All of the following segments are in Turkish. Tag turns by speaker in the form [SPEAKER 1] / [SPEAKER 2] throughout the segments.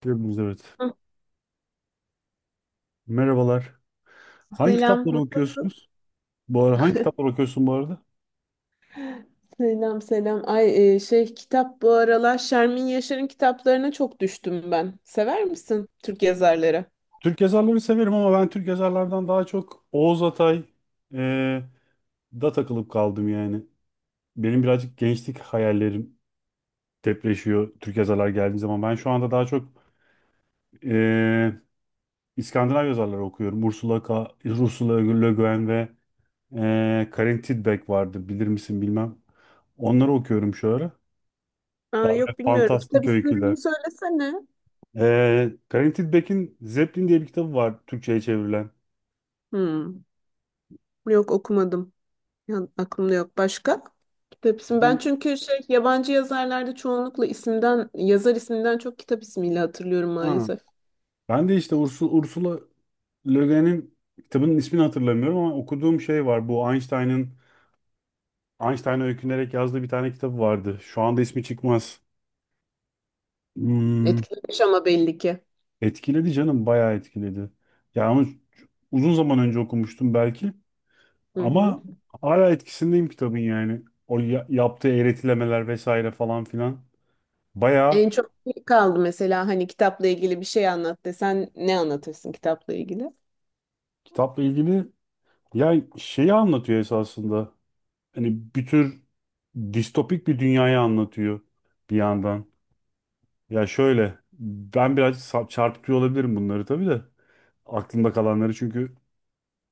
[SPEAKER 1] Gördünüz evet.
[SPEAKER 2] Hı,
[SPEAKER 1] Merhabalar. Hangi kitapları
[SPEAKER 2] selam.
[SPEAKER 1] okuyorsunuz? Bu ara hangi kitapları okuyorsun bu arada?
[SPEAKER 2] Selam selam. Ay e, şey kitap bu aralar Şermin Yaşar'ın kitaplarına çok düştüm ben. Sever misin Türk yazarları?
[SPEAKER 1] Türk yazarları severim ama ben Türk yazarlardan daha çok Oğuz Atay e, da takılıp kaldım yani. Benim birazcık gençlik hayallerim depreşiyor Türk yazarlar geldiği zaman. Ben şu anda daha çok e, İskandinav yazarları okuyorum. Ursula K. Ursula Le Guin ve Karin Tidbeck vardı, bilir misin bilmem. Onları okuyorum şu ara.
[SPEAKER 2] Aa, yok bilmiyorum. Kitap
[SPEAKER 1] Fantastik öyküler.
[SPEAKER 2] ismini söylesene.
[SPEAKER 1] Granted Beck'in Zeppelin diye bir kitabı var Türkçe'ye çevrilen.
[SPEAKER 2] Hmm. Yok okumadım. Ya, aklımda yok. Başka?
[SPEAKER 1] İşte
[SPEAKER 2] Tepsim. Ben
[SPEAKER 1] bu-
[SPEAKER 2] çünkü yabancı yazarlarda çoğunlukla isimden yazar isminden çok kitap ismiyle hatırlıyorum
[SPEAKER 1] ha,
[SPEAKER 2] maalesef.
[SPEAKER 1] Ben de işte Ursula Le Guin'in kitabının ismini hatırlamıyorum ama okuduğum şey var. Bu Einstein'ın Einstein'a öykünerek yazdığı bir tane kitabı vardı. Şu anda ismi çıkmaz. Hmm,
[SPEAKER 2] Etkilemiş ama belli ki.
[SPEAKER 1] etkiledi canım, bayağı etkiledi. Yani onu uzun zaman önce okumuştum belki
[SPEAKER 2] Hı hı.
[SPEAKER 1] ama hala etkisindeyim kitabın yani. O yaptığı eğretilemeler vesaire falan filan. Bayağı
[SPEAKER 2] En çok ne kaldı mesela hani kitapla ilgili bir şey anlat desen ne anlatırsın kitapla ilgili?
[SPEAKER 1] kitapla ilgili. Ya şeyi anlatıyor esasında. Hani bir tür distopik bir dünyayı anlatıyor bir yandan. Ya şöyle, ben çarpıtıyor olabilirim bunları tabii de. Aklımda kalanları, çünkü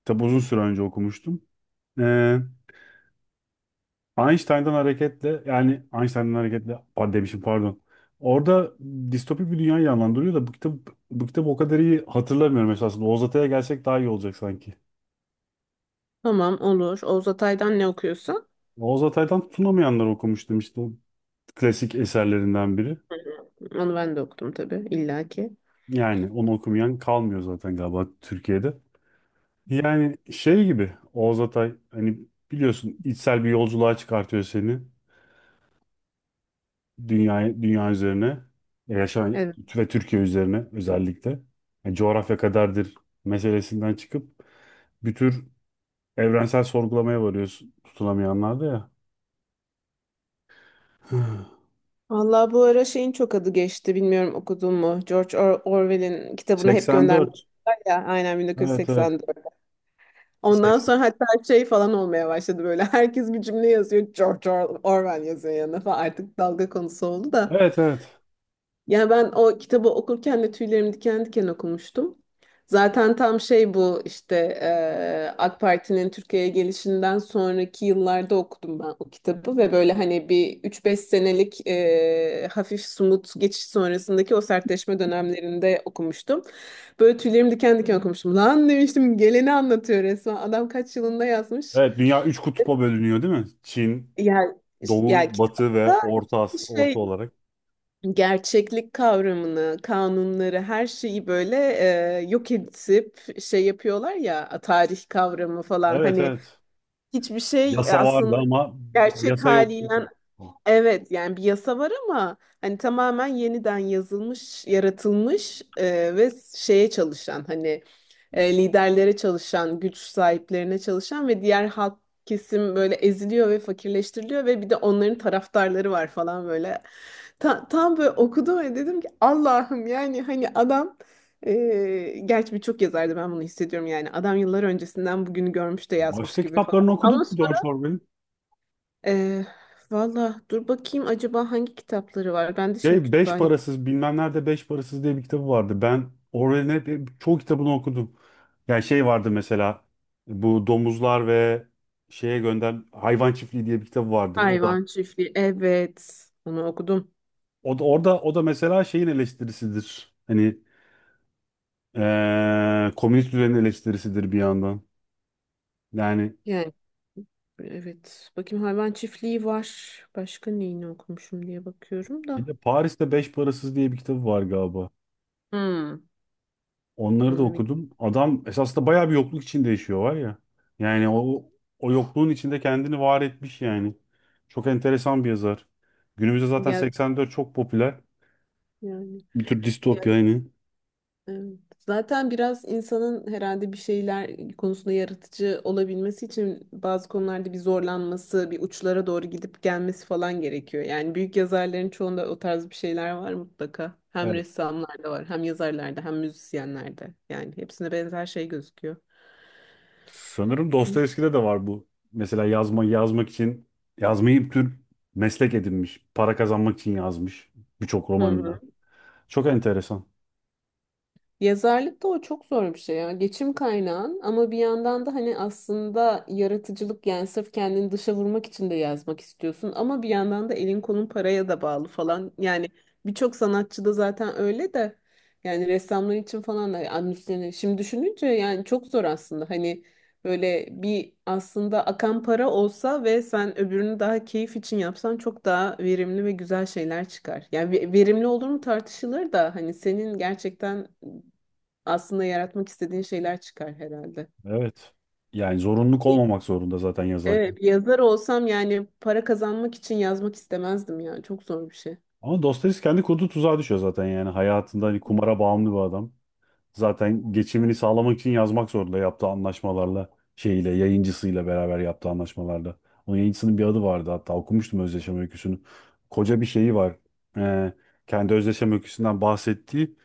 [SPEAKER 1] tabi uzun süre önce okumuştum. Ee, Einstein'dan hareketle, yani Einstein'dan hareketle, pardon demişim, pardon. Orada distopik bir dünyayı canlandırıyor da bu kitabı o kadar iyi hatırlamıyorum esasında. Oğuz Atay'a gelsek daha iyi olacak sanki.
[SPEAKER 2] Tamam, olur. Oğuz Atay'dan ne okuyorsun?
[SPEAKER 1] Oğuz Atay'dan tutunamayanlar okumuştum, işte o klasik eserlerinden biri.
[SPEAKER 2] Onu ben de okudum tabii illaki.
[SPEAKER 1] Yani onu okumayan kalmıyor zaten galiba Türkiye'de. Yani şey gibi, Oğuz Atay hani biliyorsun içsel bir yolculuğa çıkartıyor seni dünyaya, dünya üzerine yaşayan
[SPEAKER 2] Evet.
[SPEAKER 1] ve Türkiye üzerine özellikle. Yani coğrafya kaderdir meselesinden çıkıp bir tür evrensel sorgulamaya varıyorsun tutulamayanlarda ya.
[SPEAKER 2] Vallahi bu ara şeyin çok adı geçti. Bilmiyorum okudun mu? George Orwell'in kitabına hep gönderme
[SPEAKER 1] 84.
[SPEAKER 2] var ya. Aynen
[SPEAKER 1] Evet, evet.
[SPEAKER 2] 1984. Ondan
[SPEAKER 1] 80.
[SPEAKER 2] sonra hatta şey falan olmaya başladı böyle. Herkes bir cümle yazıyor. George Orwell yazıyor yanına falan. Artık dalga konusu oldu da.
[SPEAKER 1] Evet, evet.
[SPEAKER 2] Ya ben o kitabı okurken de tüylerim diken diken okumuştum. Zaten tam şey bu işte AK Parti'nin Türkiye'ye gelişinden sonraki yıllarda okudum ben o kitabı ve böyle hani bir üç beş senelik hafif sumut geçiş sonrasındaki o sertleşme dönemlerinde okumuştum. Böyle tüylerim diken diken okumuştum. Lan demiştim, geleni anlatıyor resmen. Adam kaç yılında yazmış?
[SPEAKER 1] Evet, dünya üç kutba bölünüyor değil mi? Çin,
[SPEAKER 2] Yani, yani,
[SPEAKER 1] Doğu, Batı ve
[SPEAKER 2] kitapta
[SPEAKER 1] Orta,
[SPEAKER 2] işte
[SPEAKER 1] Orta olarak.
[SPEAKER 2] gerçeklik kavramını, kanunları, her şeyi böyle yok edip şey yapıyorlar ya, tarih kavramı falan,
[SPEAKER 1] Evet,
[SPEAKER 2] hani
[SPEAKER 1] evet.
[SPEAKER 2] hiçbir şey
[SPEAKER 1] Yasa vardı
[SPEAKER 2] aslında
[SPEAKER 1] ama
[SPEAKER 2] gerçek
[SPEAKER 1] yasa yoktu.
[SPEAKER 2] haliyle. Evet, yani bir yasa var ama hani tamamen yeniden yazılmış, yaratılmış ve şeye çalışan hani liderlere çalışan, güç sahiplerine çalışan ve diğer halk kesim böyle eziliyor ve fakirleştiriliyor ve bir de onların taraftarları var falan böyle. Tam böyle okudum ve dedim ki Allah'ım, yani hani adam gerçi birçok yazardı ben bunu hissediyorum, yani adam yıllar öncesinden bugünü görmüş de yazmış
[SPEAKER 1] Başka
[SPEAKER 2] gibi falan.
[SPEAKER 1] kitaplarını okudun
[SPEAKER 2] Ama
[SPEAKER 1] mu George Orwell'in?
[SPEAKER 2] ee, valla dur bakayım, acaba hangi kitapları var? Ben de şimdi
[SPEAKER 1] Şey, Beş
[SPEAKER 2] kütüphane.
[SPEAKER 1] Parasız, bilmem nerede Beş Parasız diye bir kitabı vardı. Ben Orwell'in hep çoğu kitabını okudum. Yani şey vardı mesela, bu domuzlar ve şeye gönder, hayvan çiftliği diye bir kitabı vardır. O da
[SPEAKER 2] Hayvan Çiftliği. Evet. Onu okudum.
[SPEAKER 1] o da orada, o da mesela şeyin eleştirisidir. Hani komünist düzenin eleştirisidir bir yandan. Yani
[SPEAKER 2] Yani evet. Bakayım, Hayvan Çiftliği var. Başka neyini okumuşum diye bakıyorum
[SPEAKER 1] bir
[SPEAKER 2] da.
[SPEAKER 1] de Paris'te Beş Parasız diye bir kitabı var galiba.
[SPEAKER 2] Hmm.
[SPEAKER 1] Onları da
[SPEAKER 2] Onu bir
[SPEAKER 1] okudum. Adam esasında bayağı bir yokluk içinde yaşıyor var ya. Yani o yokluğun içinde kendini var etmiş yani. Çok enteresan bir yazar. Günümüzde zaten
[SPEAKER 2] gel
[SPEAKER 1] 84 çok popüler.
[SPEAKER 2] yani.
[SPEAKER 1] Bir tür distopya yani.
[SPEAKER 2] Evet. Zaten biraz insanın herhalde bir şeyler konusunda yaratıcı olabilmesi için bazı konularda bir zorlanması, bir uçlara doğru gidip gelmesi falan gerekiyor. Yani büyük yazarların çoğunda o tarz bir şeyler var mutlaka. Hem
[SPEAKER 1] Evet.
[SPEAKER 2] ressamlarda var, hem yazarlarda, hem müzisyenlerde. Yani hepsinde benzer şey gözüküyor.
[SPEAKER 1] Sanırım
[SPEAKER 2] Hı
[SPEAKER 1] Dostoyevski'de de var bu. Mesela yazmak için yazmayı bir tür meslek edinmiş. Para kazanmak için yazmış birçok
[SPEAKER 2] hı.
[SPEAKER 1] romanını. Çok enteresan.
[SPEAKER 2] Yazarlıkta o çok zor bir şey ya. Geçim kaynağın, ama bir yandan da hani aslında yaratıcılık, yani sırf kendini dışa vurmak için de yazmak istiyorsun ama bir yandan da elin kolun paraya da bağlı falan. Yani birçok sanatçı da zaten öyle de yani ressamlar için falan da yani şimdi düşününce yani çok zor aslında. Hani böyle bir aslında akan para olsa ve sen öbürünü daha keyif için yapsan çok daha verimli ve güzel şeyler çıkar. Yani verimli olur mu tartışılır da hani senin gerçekten aslında yaratmak istediğin şeyler çıkar herhalde.
[SPEAKER 1] Evet. Yani zorunluluk
[SPEAKER 2] Bir-
[SPEAKER 1] olmamak zorunda zaten yazarken.
[SPEAKER 2] Evet, bir yazar olsam yani para kazanmak için yazmak istemezdim yani. Çok zor bir şey.
[SPEAKER 1] Ama Dostoyevski kendi kurduğu tuzağa düşüyor zaten yani. Hayatında hani kumara bağımlı bir adam. Zaten geçimini sağlamak için yazmak zorunda, yaptığı anlaşmalarla, şeyle, yayıncısıyla beraber yaptığı anlaşmalarda. Onun yayıncısının bir adı vardı hatta, okumuştum özdeşem öyküsünü. Koca bir şeyi var. Ee, kendi özdeşem öyküsünden bahsettiği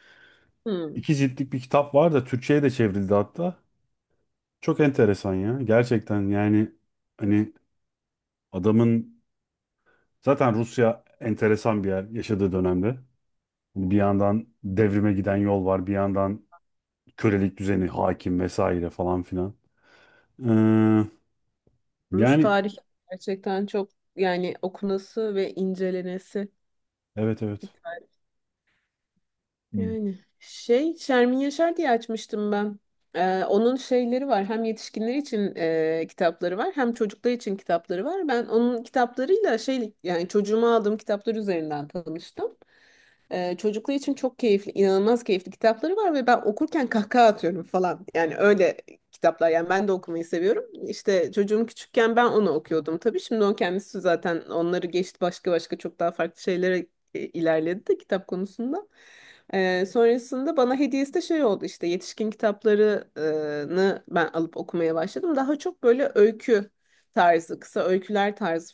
[SPEAKER 2] Hmm.
[SPEAKER 1] iki ciltlik bir kitap var da Türkçe'ye de çevrildi hatta. Çok enteresan ya. Gerçekten yani, hani adamın, zaten Rusya enteresan bir yer yaşadığı dönemde. Hani bir yandan devrime giden yol var, bir yandan kölelik düzeni hakim, vesaire falan filan. Ee,
[SPEAKER 2] Rus
[SPEAKER 1] yani
[SPEAKER 2] tarihi gerçekten çok, yani okunası ve incelenesi
[SPEAKER 1] evet,
[SPEAKER 2] bir
[SPEAKER 1] evet.
[SPEAKER 2] tarih.
[SPEAKER 1] Hmm.
[SPEAKER 2] Yani Şermin Yaşar diye açmıştım ben. Onun şeyleri var. Hem yetişkinler için kitapları var, hem çocuklar için kitapları var. Ben onun kitaplarıyla yani çocuğuma aldığım kitaplar üzerinden tanıştım. Çocukluğu için çok keyifli, inanılmaz keyifli kitapları var ve ben okurken kahkaha atıyorum falan. Yani öyle kitaplar. Yani ben de okumayı seviyorum. İşte çocuğum küçükken ben onu okuyordum tabii. Şimdi o kendisi zaten onları geçti, başka başka çok daha farklı şeylere ilerledi de kitap konusunda. Sonrasında bana hediyesi de şey oldu, işte yetişkin kitaplarını ben alıp okumaya başladım. Daha çok böyle öykü tarzı, kısa öyküler tarzı,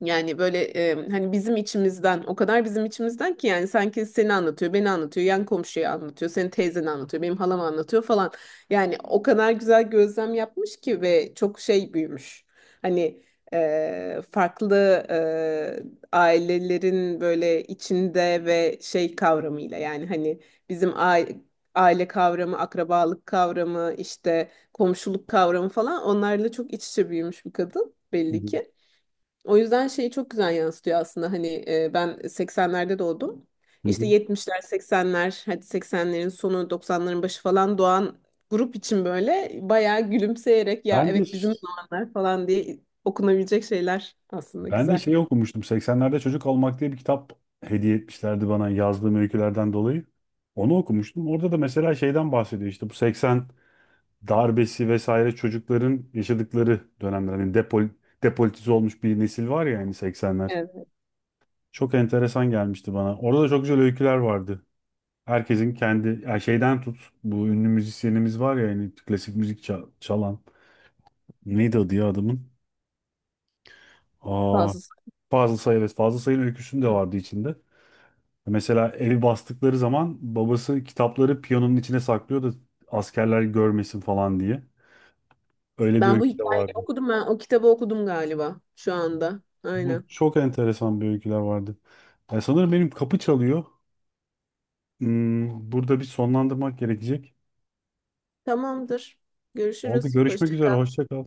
[SPEAKER 2] yani böyle hani bizim içimizden, o kadar bizim içimizden ki yani sanki seni anlatıyor, beni anlatıyor, yan komşuyu anlatıyor, senin teyzeni anlatıyor, benim halam anlatıyor falan. Yani o kadar güzel gözlem yapmış ki ve çok şey büyümüş. Hani farklı e, ailelerin böyle içinde ve şey kavramıyla, yani hani bizim aile, aile kavramı, akrabalık kavramı, işte komşuluk kavramı falan, onlarla çok iç içe büyümüş bir kadın
[SPEAKER 1] Hı
[SPEAKER 2] belli ki. O yüzden şeyi çok güzel yansıtıyor aslında, hani ben 80'lerde doğdum. İşte
[SPEAKER 1] hı.
[SPEAKER 2] 70'ler, 80'ler, hadi 80'lerin sonu, 90'ların başı falan doğan grup için böyle bayağı gülümseyerek ya
[SPEAKER 1] Ben de
[SPEAKER 2] evet bizim zamanlar falan diye okunabilecek şeyler, aslında
[SPEAKER 1] ben de
[SPEAKER 2] güzel.
[SPEAKER 1] şey okumuştum. 80'lerde Çocuk Olmak diye bir kitap hediye etmişlerdi bana, yazdığım öykülerden dolayı. Onu okumuştum. Orada da mesela şeyden bahsediyor, işte bu 80 darbesi vesaire, çocukların yaşadıkları dönemler. Hani depolitize olmuş bir nesil var ya, yani 80'ler.
[SPEAKER 2] Evet,
[SPEAKER 1] Çok enteresan gelmişti bana. Orada da çok güzel öyküler vardı. Herkesin kendi, yani şeyden tut, bu ünlü müzisyenimiz var ya, yani klasik müzik çalan. Neydi adı ya adamın? Aa,
[SPEAKER 2] fazlası.
[SPEAKER 1] Fazıl Say, evet, Fazıl Say'ın öyküsünün de vardı içinde. Mesela evi bastıkları zaman babası kitapları piyanonun içine saklıyor da askerler görmesin falan diye. Öyle bir
[SPEAKER 2] Ben bu
[SPEAKER 1] öykü de
[SPEAKER 2] hikayeyi
[SPEAKER 1] vardı.
[SPEAKER 2] okudum, ben o kitabı okudum galiba şu anda.
[SPEAKER 1] Evet,
[SPEAKER 2] Aynen.
[SPEAKER 1] çok enteresan bir öyküler vardı. Ya sanırım benim kapı çalıyor. Hmm, burada bir sonlandırmak gerekecek.
[SPEAKER 2] Tamamdır.
[SPEAKER 1] Oldu,
[SPEAKER 2] Görüşürüz.
[SPEAKER 1] görüşmek
[SPEAKER 2] Hoşça
[SPEAKER 1] üzere,
[SPEAKER 2] kal.
[SPEAKER 1] hoşça kal.